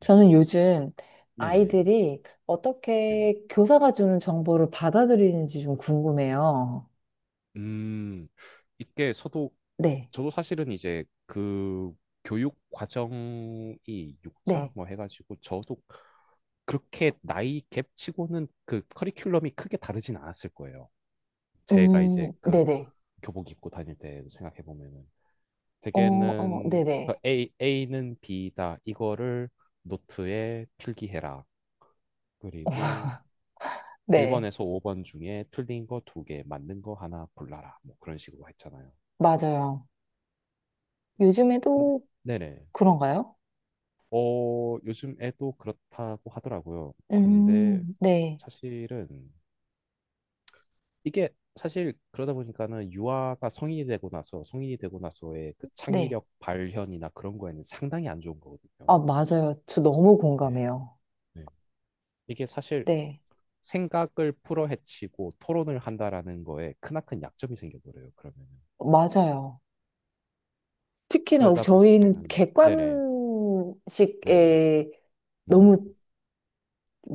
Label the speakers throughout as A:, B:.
A: 저는 요즘
B: 네네.
A: 아이들이
B: 네네.
A: 어떻게 교사가 주는 정보를 받아들이는지 좀 궁금해요.
B: 음, 이게 저도,
A: 네,
B: 저도 사실은 이제 그 교육 과정이 6차
A: 네.
B: 뭐 해가지고 저도 그렇게 나이 갭 치고는 그 커리큘럼이 크게 다르진 않았을 거예요. 제가 이제 그
A: 네네.
B: 교복 입고 다닐 때 생각해 보면은
A: 어, 어,
B: 대개는 그
A: 네네.
B: A는 B다. 이거를 노트에 필기해라. 그리고
A: 네,
B: 1번에서 5번 중에 틀린 거 두 개, 맞는 거 하나 골라라. 뭐 그런 식으로 했잖아요.
A: 맞아요.
B: 네.
A: 요즘에도
B: 네네.
A: 그런가요?
B: 요즘 애도 그렇다고 하더라고요. 근데
A: 네,
B: 사실은 이게 사실 그러다 보니까는 유아가 성인이 되고 나서의 그
A: 네.
B: 창의력 발현이나 그런 거에는 상당히 안 좋은 거거든요.
A: 아, 맞아요. 저 너무
B: 네.
A: 공감해요.
B: 네. 이게 사실
A: 네,
B: 생각을 풀어헤치고 토론을 한다라는 거에 크나큰 약점이 생겨버려요. 그러면은
A: 맞아요. 특히나
B: 그러다
A: 저희는
B: 보니까는 네네 네네
A: 객관식에
B: 음.
A: 너무,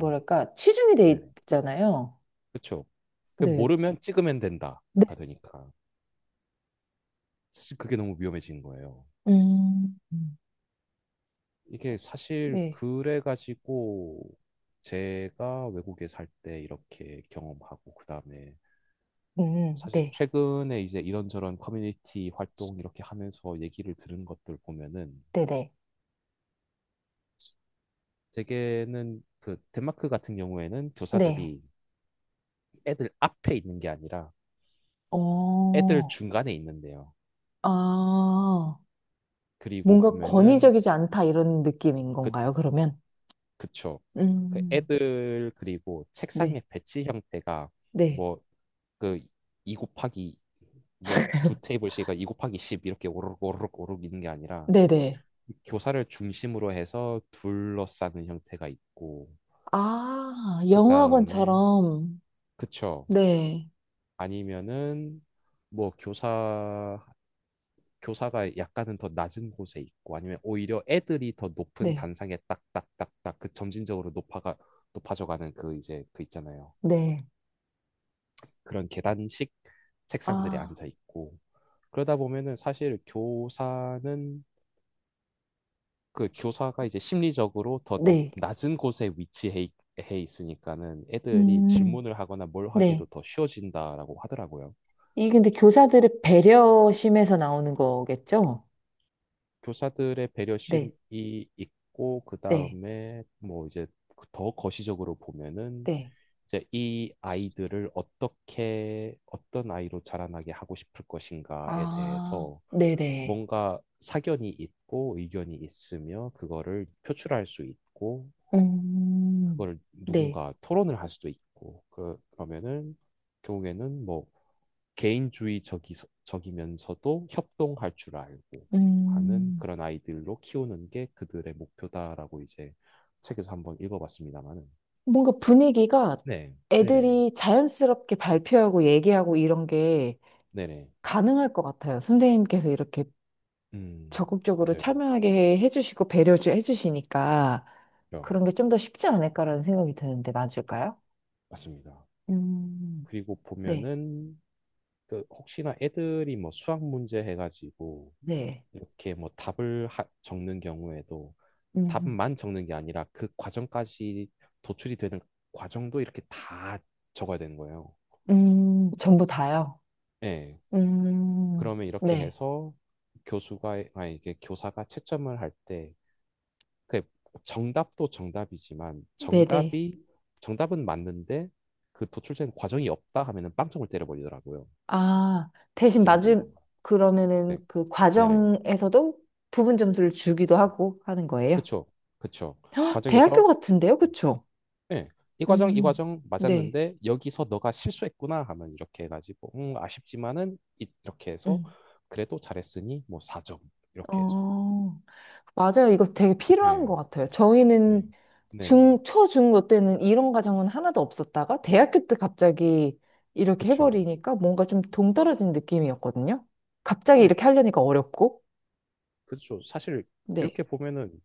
B: 음.
A: 치중이 돼
B: 네네.
A: 있잖아요.
B: 그쵸? 그
A: 네.
B: 모르면 찍으면 된다가 되니까 사실 그게 너무 위험해진 거예요.
A: 음,
B: 이게 사실
A: 네.
B: 그래가지고 제가 외국에 살 때 이렇게 경험하고 그다음에 사실
A: 네,
B: 최근에 이제 이런저런 커뮤니티 활동 이렇게 하면서 얘기를 들은 것들 보면은
A: 네네,
B: 대개는 그 덴마크 같은 경우에는
A: 네.
B: 교사들이 애들 앞에 있는 게 아니라 애들
A: 어,
B: 중간에 있는데요.
A: 아,
B: 그리고
A: 뭔가
B: 보면은
A: 권위적이지 않다 이런 느낌인
B: 그
A: 건가요, 그러면?
B: 그쵸. 그
A: 음,
B: 애들 그리고
A: 네.
B: 책상의 배치 형태가
A: 네.
B: 뭐 그 2 곱하기 뭐 두 테이블씩이2 곱하기 10 이렇게 오르륵 오르륵 오르륵 있는 게 아니라
A: 네네.
B: 교사를 중심으로 해서 둘러싸는 형태가 있고
A: 아,
B: 그 다음에
A: 영어학원처럼.
B: 그쵸.
A: 네,
B: 아니면은 뭐 교사가 약간은 더 낮은 곳에 있고 아니면 오히려 애들이 더 높은
A: 네,
B: 단상에 딱딱딱딱 그 점진적으로 높아가 높아져가는 그 이제 그 있잖아요.
A: 네.
B: 그런 계단식 책상들에
A: 아,
B: 앉아 있고 그러다 보면은 사실 교사는 그 교사가 이제 심리적으로 더
A: 네.
B: 낮은 곳에 해 있으니까는 애들이
A: 음,
B: 질문을 하거나 뭘
A: 네.
B: 하게도 더 쉬워진다라고 하더라고요.
A: 이게 근데 교사들의 배려심에서 나오는 거겠죠?
B: 교사들의
A: 네,
B: 배려심이 있고 그
A: 네,
B: 다음에 뭐 이제 더 거시적으로 보면은
A: 네.
B: 이제 이 아이들을 어떻게 어떤 아이로 자라나게 하고 싶을 것인가에
A: 아,
B: 대해서
A: 네네.
B: 뭔가 사견이 있고 의견이 있으며 그거를 표출할 수 있고
A: 음,
B: 그걸
A: 네.
B: 누군가 토론을 할 수도 있고 그러면은 결국에는 뭐 개인주의적이면서도 협동할 줄 알고 하는
A: 음,
B: 그런 아이들로 키우는 게 그들의 목표다라고 이제 책에서 한번 읽어봤습니다만은
A: 뭔가 분위기가
B: 네, 네네,
A: 애들이 자연스럽게 발표하고 얘기하고 이런 게
B: 네네.
A: 가능할 것 같아요. 선생님께서 이렇게
B: 음,
A: 적극적으로
B: 맞아요.
A: 참여하게 해주시고 배려해 주시니까
B: 어,
A: 그런 게 좀 더 쉽지 않을까라는 생각이 드는데 맞을까요?
B: 맞습니다.
A: 음,
B: 그리고
A: 네,
B: 보면은 그 혹시나 애들이 뭐 수학 문제 해가지고
A: 네.
B: 이렇게 뭐 적는 경우에도
A: 음,
B: 답만 적는 게 아니라 그 과정까지 도출이 되는 과정도 이렇게 다 적어야 되는 거예요.
A: 전부 다요.
B: 예.
A: 음,
B: 그러면 이렇게
A: 네,
B: 해서 교수가, 아, 이게 교사가 채점을 할때 그 정답도 정답이지만
A: 네네.
B: 정답이 정답은 맞는데 그 도출된 과정이 없다 하면은 빵점을 때려버리더라고요.
A: 아, 대신
B: 이점을
A: 맞을,
B: 때리던가.
A: 그러면은
B: 네,
A: 그
B: 네네.
A: 과정에서도 부분 점수를 주기도 하고 하는 거예요?
B: 그쵸, 그쵸.
A: 헉, 대학교
B: 과정에서
A: 같은데요? 그쵸?
B: 네, 이 과정 이
A: 음,
B: 과정
A: 네.
B: 맞았는데 여기서 너가 실수했구나 하면 이렇게 해가지고 아쉽지만은 이렇게 해서
A: 음.
B: 그래도 잘했으니 뭐 4점 이렇게 해서.
A: 어, 맞아요. 이거 되게 필요한 것
B: 네,
A: 같아요.
B: 네,
A: 저희는
B: 네네.
A: 중, 초, 중고 때는 이런 과정은 하나도 없었다가 대학교 때 갑자기 이렇게
B: 그쵸.
A: 해버리니까 뭔가 좀 동떨어진 느낌이었거든요. 갑자기
B: 네,
A: 이렇게 하려니까 어렵고.
B: 그쵸. 사실
A: 네.
B: 이렇게 보면은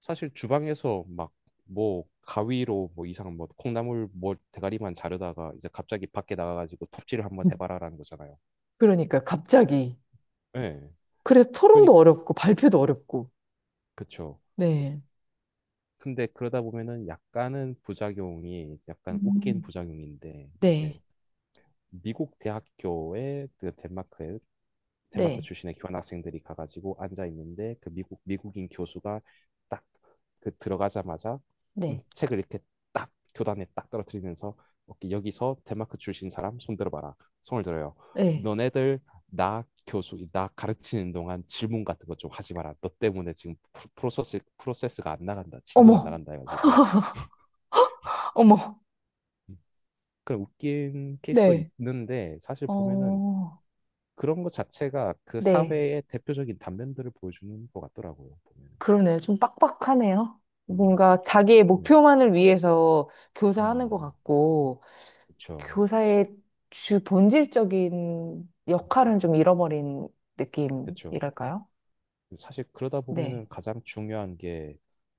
B: 사실 주방에서 막 뭐 가위로 뭐 이상 뭐 콩나물 뭐 대가리만 자르다가 이제 갑자기 밖에 나가가지고 톱질을 한번
A: 음,
B: 해봐라라는 거잖아요.
A: 그러니까요. 갑자기.
B: 예.
A: 그래서
B: 그러니
A: 토론도 어렵고 발표도 어렵고.
B: 그쵸. 그-
A: 네.
B: 근데 그러다 보면은 약간은 부작용이 약간 웃긴
A: 음,
B: 부작용인데 이제
A: 네,
B: 미국 대학교에 그 덴마크
A: 네,
B: 출신의 교환학생들이 가가지고 앉아 있는데 그 미국인 교수가 딱 그 들어가자마자
A: 네.
B: 책을 이렇게 딱 교단에 딱 떨어뜨리면서 오케이, 여기서 덴마크 출신 사람 손 들어봐라 손을 들어요
A: 네.
B: 너네들 나 가르치는 동안 질문 같은 거 좀 하지 마라 너 때문에 지금 프로세스가 안 나간다 진도가 안
A: 어머,
B: 나간다 해가지고
A: 어머,
B: 음, 그런 웃긴 케이스도
A: 네.
B: 있는데 사실 보면은
A: 어,
B: 그런 것 자체가 그
A: 네.
B: 사회의 대표적인 단면들을 보여주는 것 같더라고요, 보면은.
A: 그러네요. 좀 빡빡하네요.
B: 음,
A: 뭔가 자기의
B: 음,
A: 목표만을 위해서 교사하는
B: 음,
A: 것 같고,
B: 그쵸.
A: 교사의 주 본질적인
B: 음,
A: 역할은 좀 잃어버린
B: 그쵸.
A: 느낌이랄까요?
B: 사실 그러다
A: 네,
B: 보면은 가장 중요한 게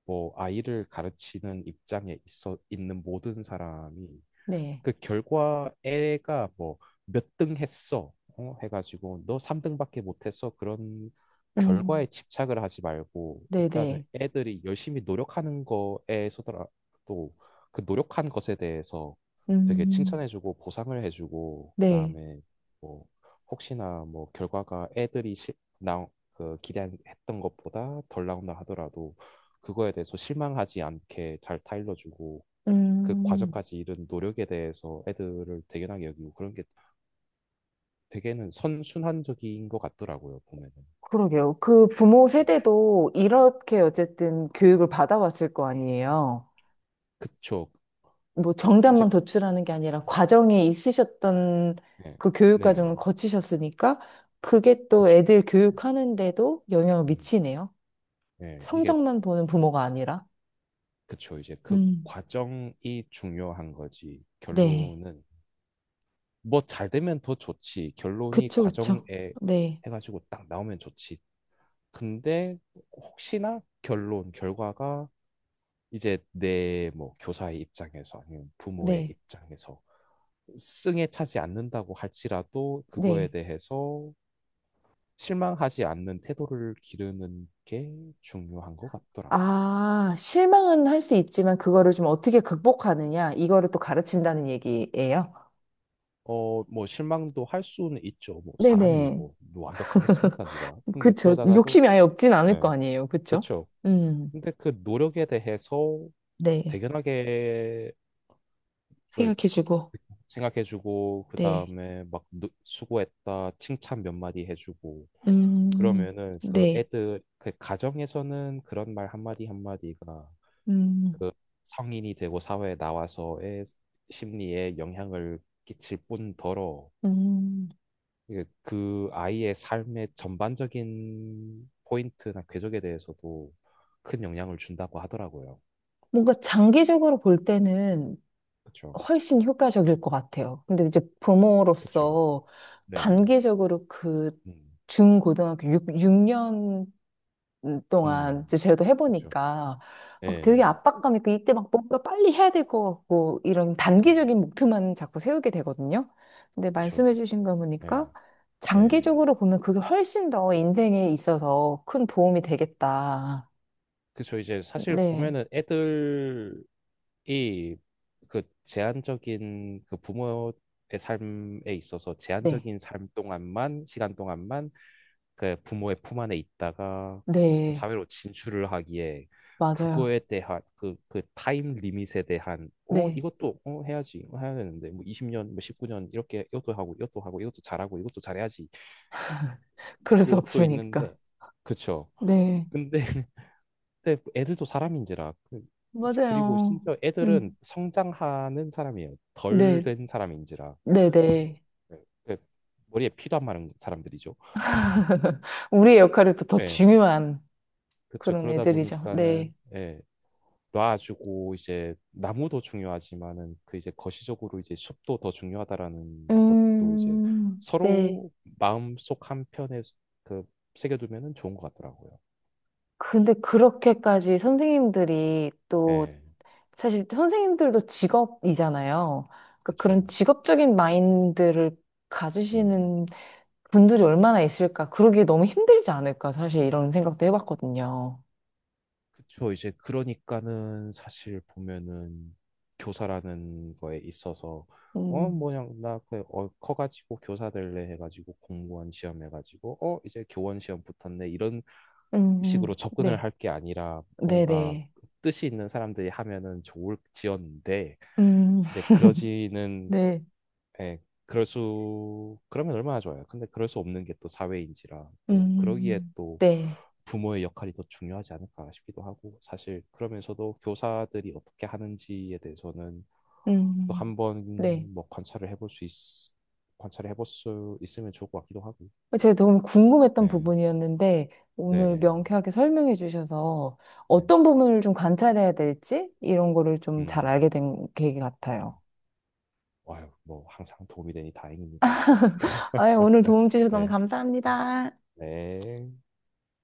B: 뭐 아이를 가르치는 입장에 있어 있는 모든 사람이
A: 네.
B: 그 결과 애가 뭐 몇 등 했어 어? 해가지고 너 3등밖에 못했어 그런 결과에
A: 음,
B: 집착을 하지 말고
A: 네
B: 일단은
A: 네.
B: 애들이 열심히 노력하는 거에서더라도 그 노력한 것에 대해서 되게
A: 음,
B: 칭찬해주고 보상을 해주고
A: 네.
B: 그다음에 뭐 혹시나 뭐 결과가 애들이 나, 그 기대했던 것보다 덜 나온다 하더라도 그거에 대해서 실망하지 않게 잘 타일러주고 그
A: 음.
B: 과정까지 이른 노력에 대해서 애들을 대견하게 여기고 그런 게 되게는 선순환적인 것 같더라고요, 보면은.
A: 그러게요. 그 부모
B: 네.
A: 세대도 이렇게 어쨌든 교육을 받아왔을 거 아니에요.
B: 그쵸.
A: 뭐
B: 이제,
A: 정답만 도출하는 게 아니라 과정이 있으셨던
B: 네.
A: 그 교육
B: 네네.
A: 과정을 거치셨으니까 그게 또
B: 그쵸.
A: 애들
B: 네.
A: 교육하는데도 영향을
B: 음.
A: 미치네요.
B: 네. 이게,
A: 성적만 보는 부모가 아니라.
B: 그쵸. 이제 그
A: 음,
B: 과정이 중요한 거지.
A: 네.
B: 결론은, 뭐 잘 되면 더 좋지. 결론이
A: 그쵸,
B: 과정에
A: 그쵸. 네,
B: 해가지고 딱 나오면 좋지. 근데 혹시나 결과가 이제 내 뭐 교사의 입장에서 아니면 부모의
A: 네,
B: 입장에서 승에 차지 않는다고 할지라도 그거에
A: 네.
B: 대해서 실망하지 않는 태도를 기르는 게 중요한 것 같더라.
A: 아, 실망은 할 수 있지만 그거를 좀 어떻게 극복하느냐, 이거를 또 가르친다는 얘기예요.
B: 뭐 실망도 할 수는 있죠. 뭐 사람이
A: 네네.
B: 뭐 완벽하겠습니까, 누가? 근데
A: 그쵸.
B: 그러다가도
A: 욕심이 아예 없진 않을
B: 예,
A: 거 아니에요. 그쵸?
B: 그렇죠.
A: 음,
B: 근데 그 노력에 대해서
A: 네.
B: 대견하게 예,
A: 생각해주고,
B: 생각해주고 그
A: 네.
B: 다음에 막 수고했다 칭찬 몇 마디 해주고
A: 음,
B: 그러면은 그
A: 네.
B: 애들 그 가정에서는 그런 말 한마디 한마디가
A: 음,
B: 그 성인이 되고 사회에 나와서의 심리에 영향을 끼칠 뿐더러
A: 음.
B: 이게 그 아이의 삶의 전반적인 포인트나 궤적에 대해서도 큰 영향을 준다고 하더라고요.
A: 뭔가 장기적으로 볼 때는
B: 그렇죠,
A: 훨씬 효과적일 것 같아요. 근데 이제
B: 그렇죠.
A: 부모로서
B: 네,
A: 단기적으로 그
B: 음,
A: 중고등학교 6, 동안
B: 음,
A: 이제 저도
B: 그렇죠.
A: 해보니까 막 되게
B: 예.
A: 압박감 있고 이때 막 뭔가 빨리 해야 될 것 같고 이런
B: 음.
A: 단기적인 목표만 자꾸 세우게 되거든요. 근데
B: 그쵸.
A: 말씀해주신 거 보니까
B: 예, 예.
A: 장기적으로 보면 그게 훨씬 더 인생에 있어서 큰 도움이 되겠다.
B: 그쵸. 이제 사실
A: 네,
B: 보면은 애들이 그 제한적인 그 부모의 삶에 있어서
A: 네,
B: 제한적인 삶 동안만, 시간 동안만 그 부모의 품 안에 있다가
A: 네,
B: 사회로 진출을 하기에
A: 맞아요.
B: 그거에 대한 그 타임 리밋에 대한 어
A: 네,
B: 이것도 어 해야지 어, 해야 되는데 뭐 20년 뭐 19년 이렇게 이것도 하고 이것도 하고 이것도 잘하고 이것도 잘해야지
A: 그럴 수
B: 그것도
A: 없으니까.
B: 있는데 그쵸
A: 네,
B: 근데 근데 애들도 사람인지라 그리고
A: 맞아요.
B: 심지어 애들은
A: 음,
B: 성장하는 사람이에요. 덜
A: 네,
B: 된 사람인지라
A: 네, 네.
B: 네, 그 머리에 피도 안 마른 사람들이죠.
A: 우리의 역할이 또 더
B: 네,
A: 중요한
B: 그렇죠.
A: 그런
B: 그러다
A: 애들이죠.
B: 보니까는
A: 네.
B: 예, 놔주고 이제 나무도 중요하지만은 그 이제 거시적으로 이제 숲도 더 중요하다라는 것도 이제
A: 네.
B: 서로 마음속 한편에 그 새겨두면은 좋은 것 같더라고요.
A: 근데 그렇게까지 선생님들이 또,
B: 예,
A: 사실 선생님들도 직업이잖아요. 그러니까
B: 그렇죠.
A: 그런 직업적인 마인드를
B: 음.
A: 가지시는 분들이 얼마나 있을까. 그러기 너무 힘들지 않을까. 사실 이런 생각도 해봤거든요.
B: 그쵸. 이제 그러니까는 사실 보면은 교사라는 거에 있어서 어
A: 음,
B: 뭐냐 나그어 커가지고 교사 될래 해가지고 공무원 시험 해가지고 어 이제 교원 시험 붙었네 이런 식으로 접근을
A: 네.
B: 할 게 아니라 뭔가
A: 네네.
B: 뜻이 있는 사람들이 하면은 좋을지언데
A: 음,
B: 근데 그러지는
A: 네.
B: 예, 그럴 수, 그러면 얼마나 좋아요. 근데 그럴 수 없는 게 또 사회인지라
A: 음,
B: 또
A: 음,
B: 그러기에
A: 음.
B: 또
A: 네.
B: 부모의 역할이 더 중요하지 않을까 싶기도 하고 사실 그러면서도 교사들이 어떻게 하는지에 대해서는
A: 음, 음,
B: 또
A: 음. 네.
B: 한번 뭐 관찰을 해볼 수 있으면 좋을 것 같기도 하고.
A: 제가 너무 궁금했던
B: 네,
A: 부분이었는데 오늘
B: 네네.
A: 명쾌하게 설명해 주셔서
B: 네.
A: 어떤 부분을 좀 관찰해야 될지 이런 거를 좀 잘
B: 음,
A: 알게 된 계기
B: 네.
A: 같아요.
B: 아유, 뭐 항상 도움이 되니 다행입니다.
A: 아유, 오늘 도움 주셔서 너무
B: 네,
A: 감사합니다.
B: 네.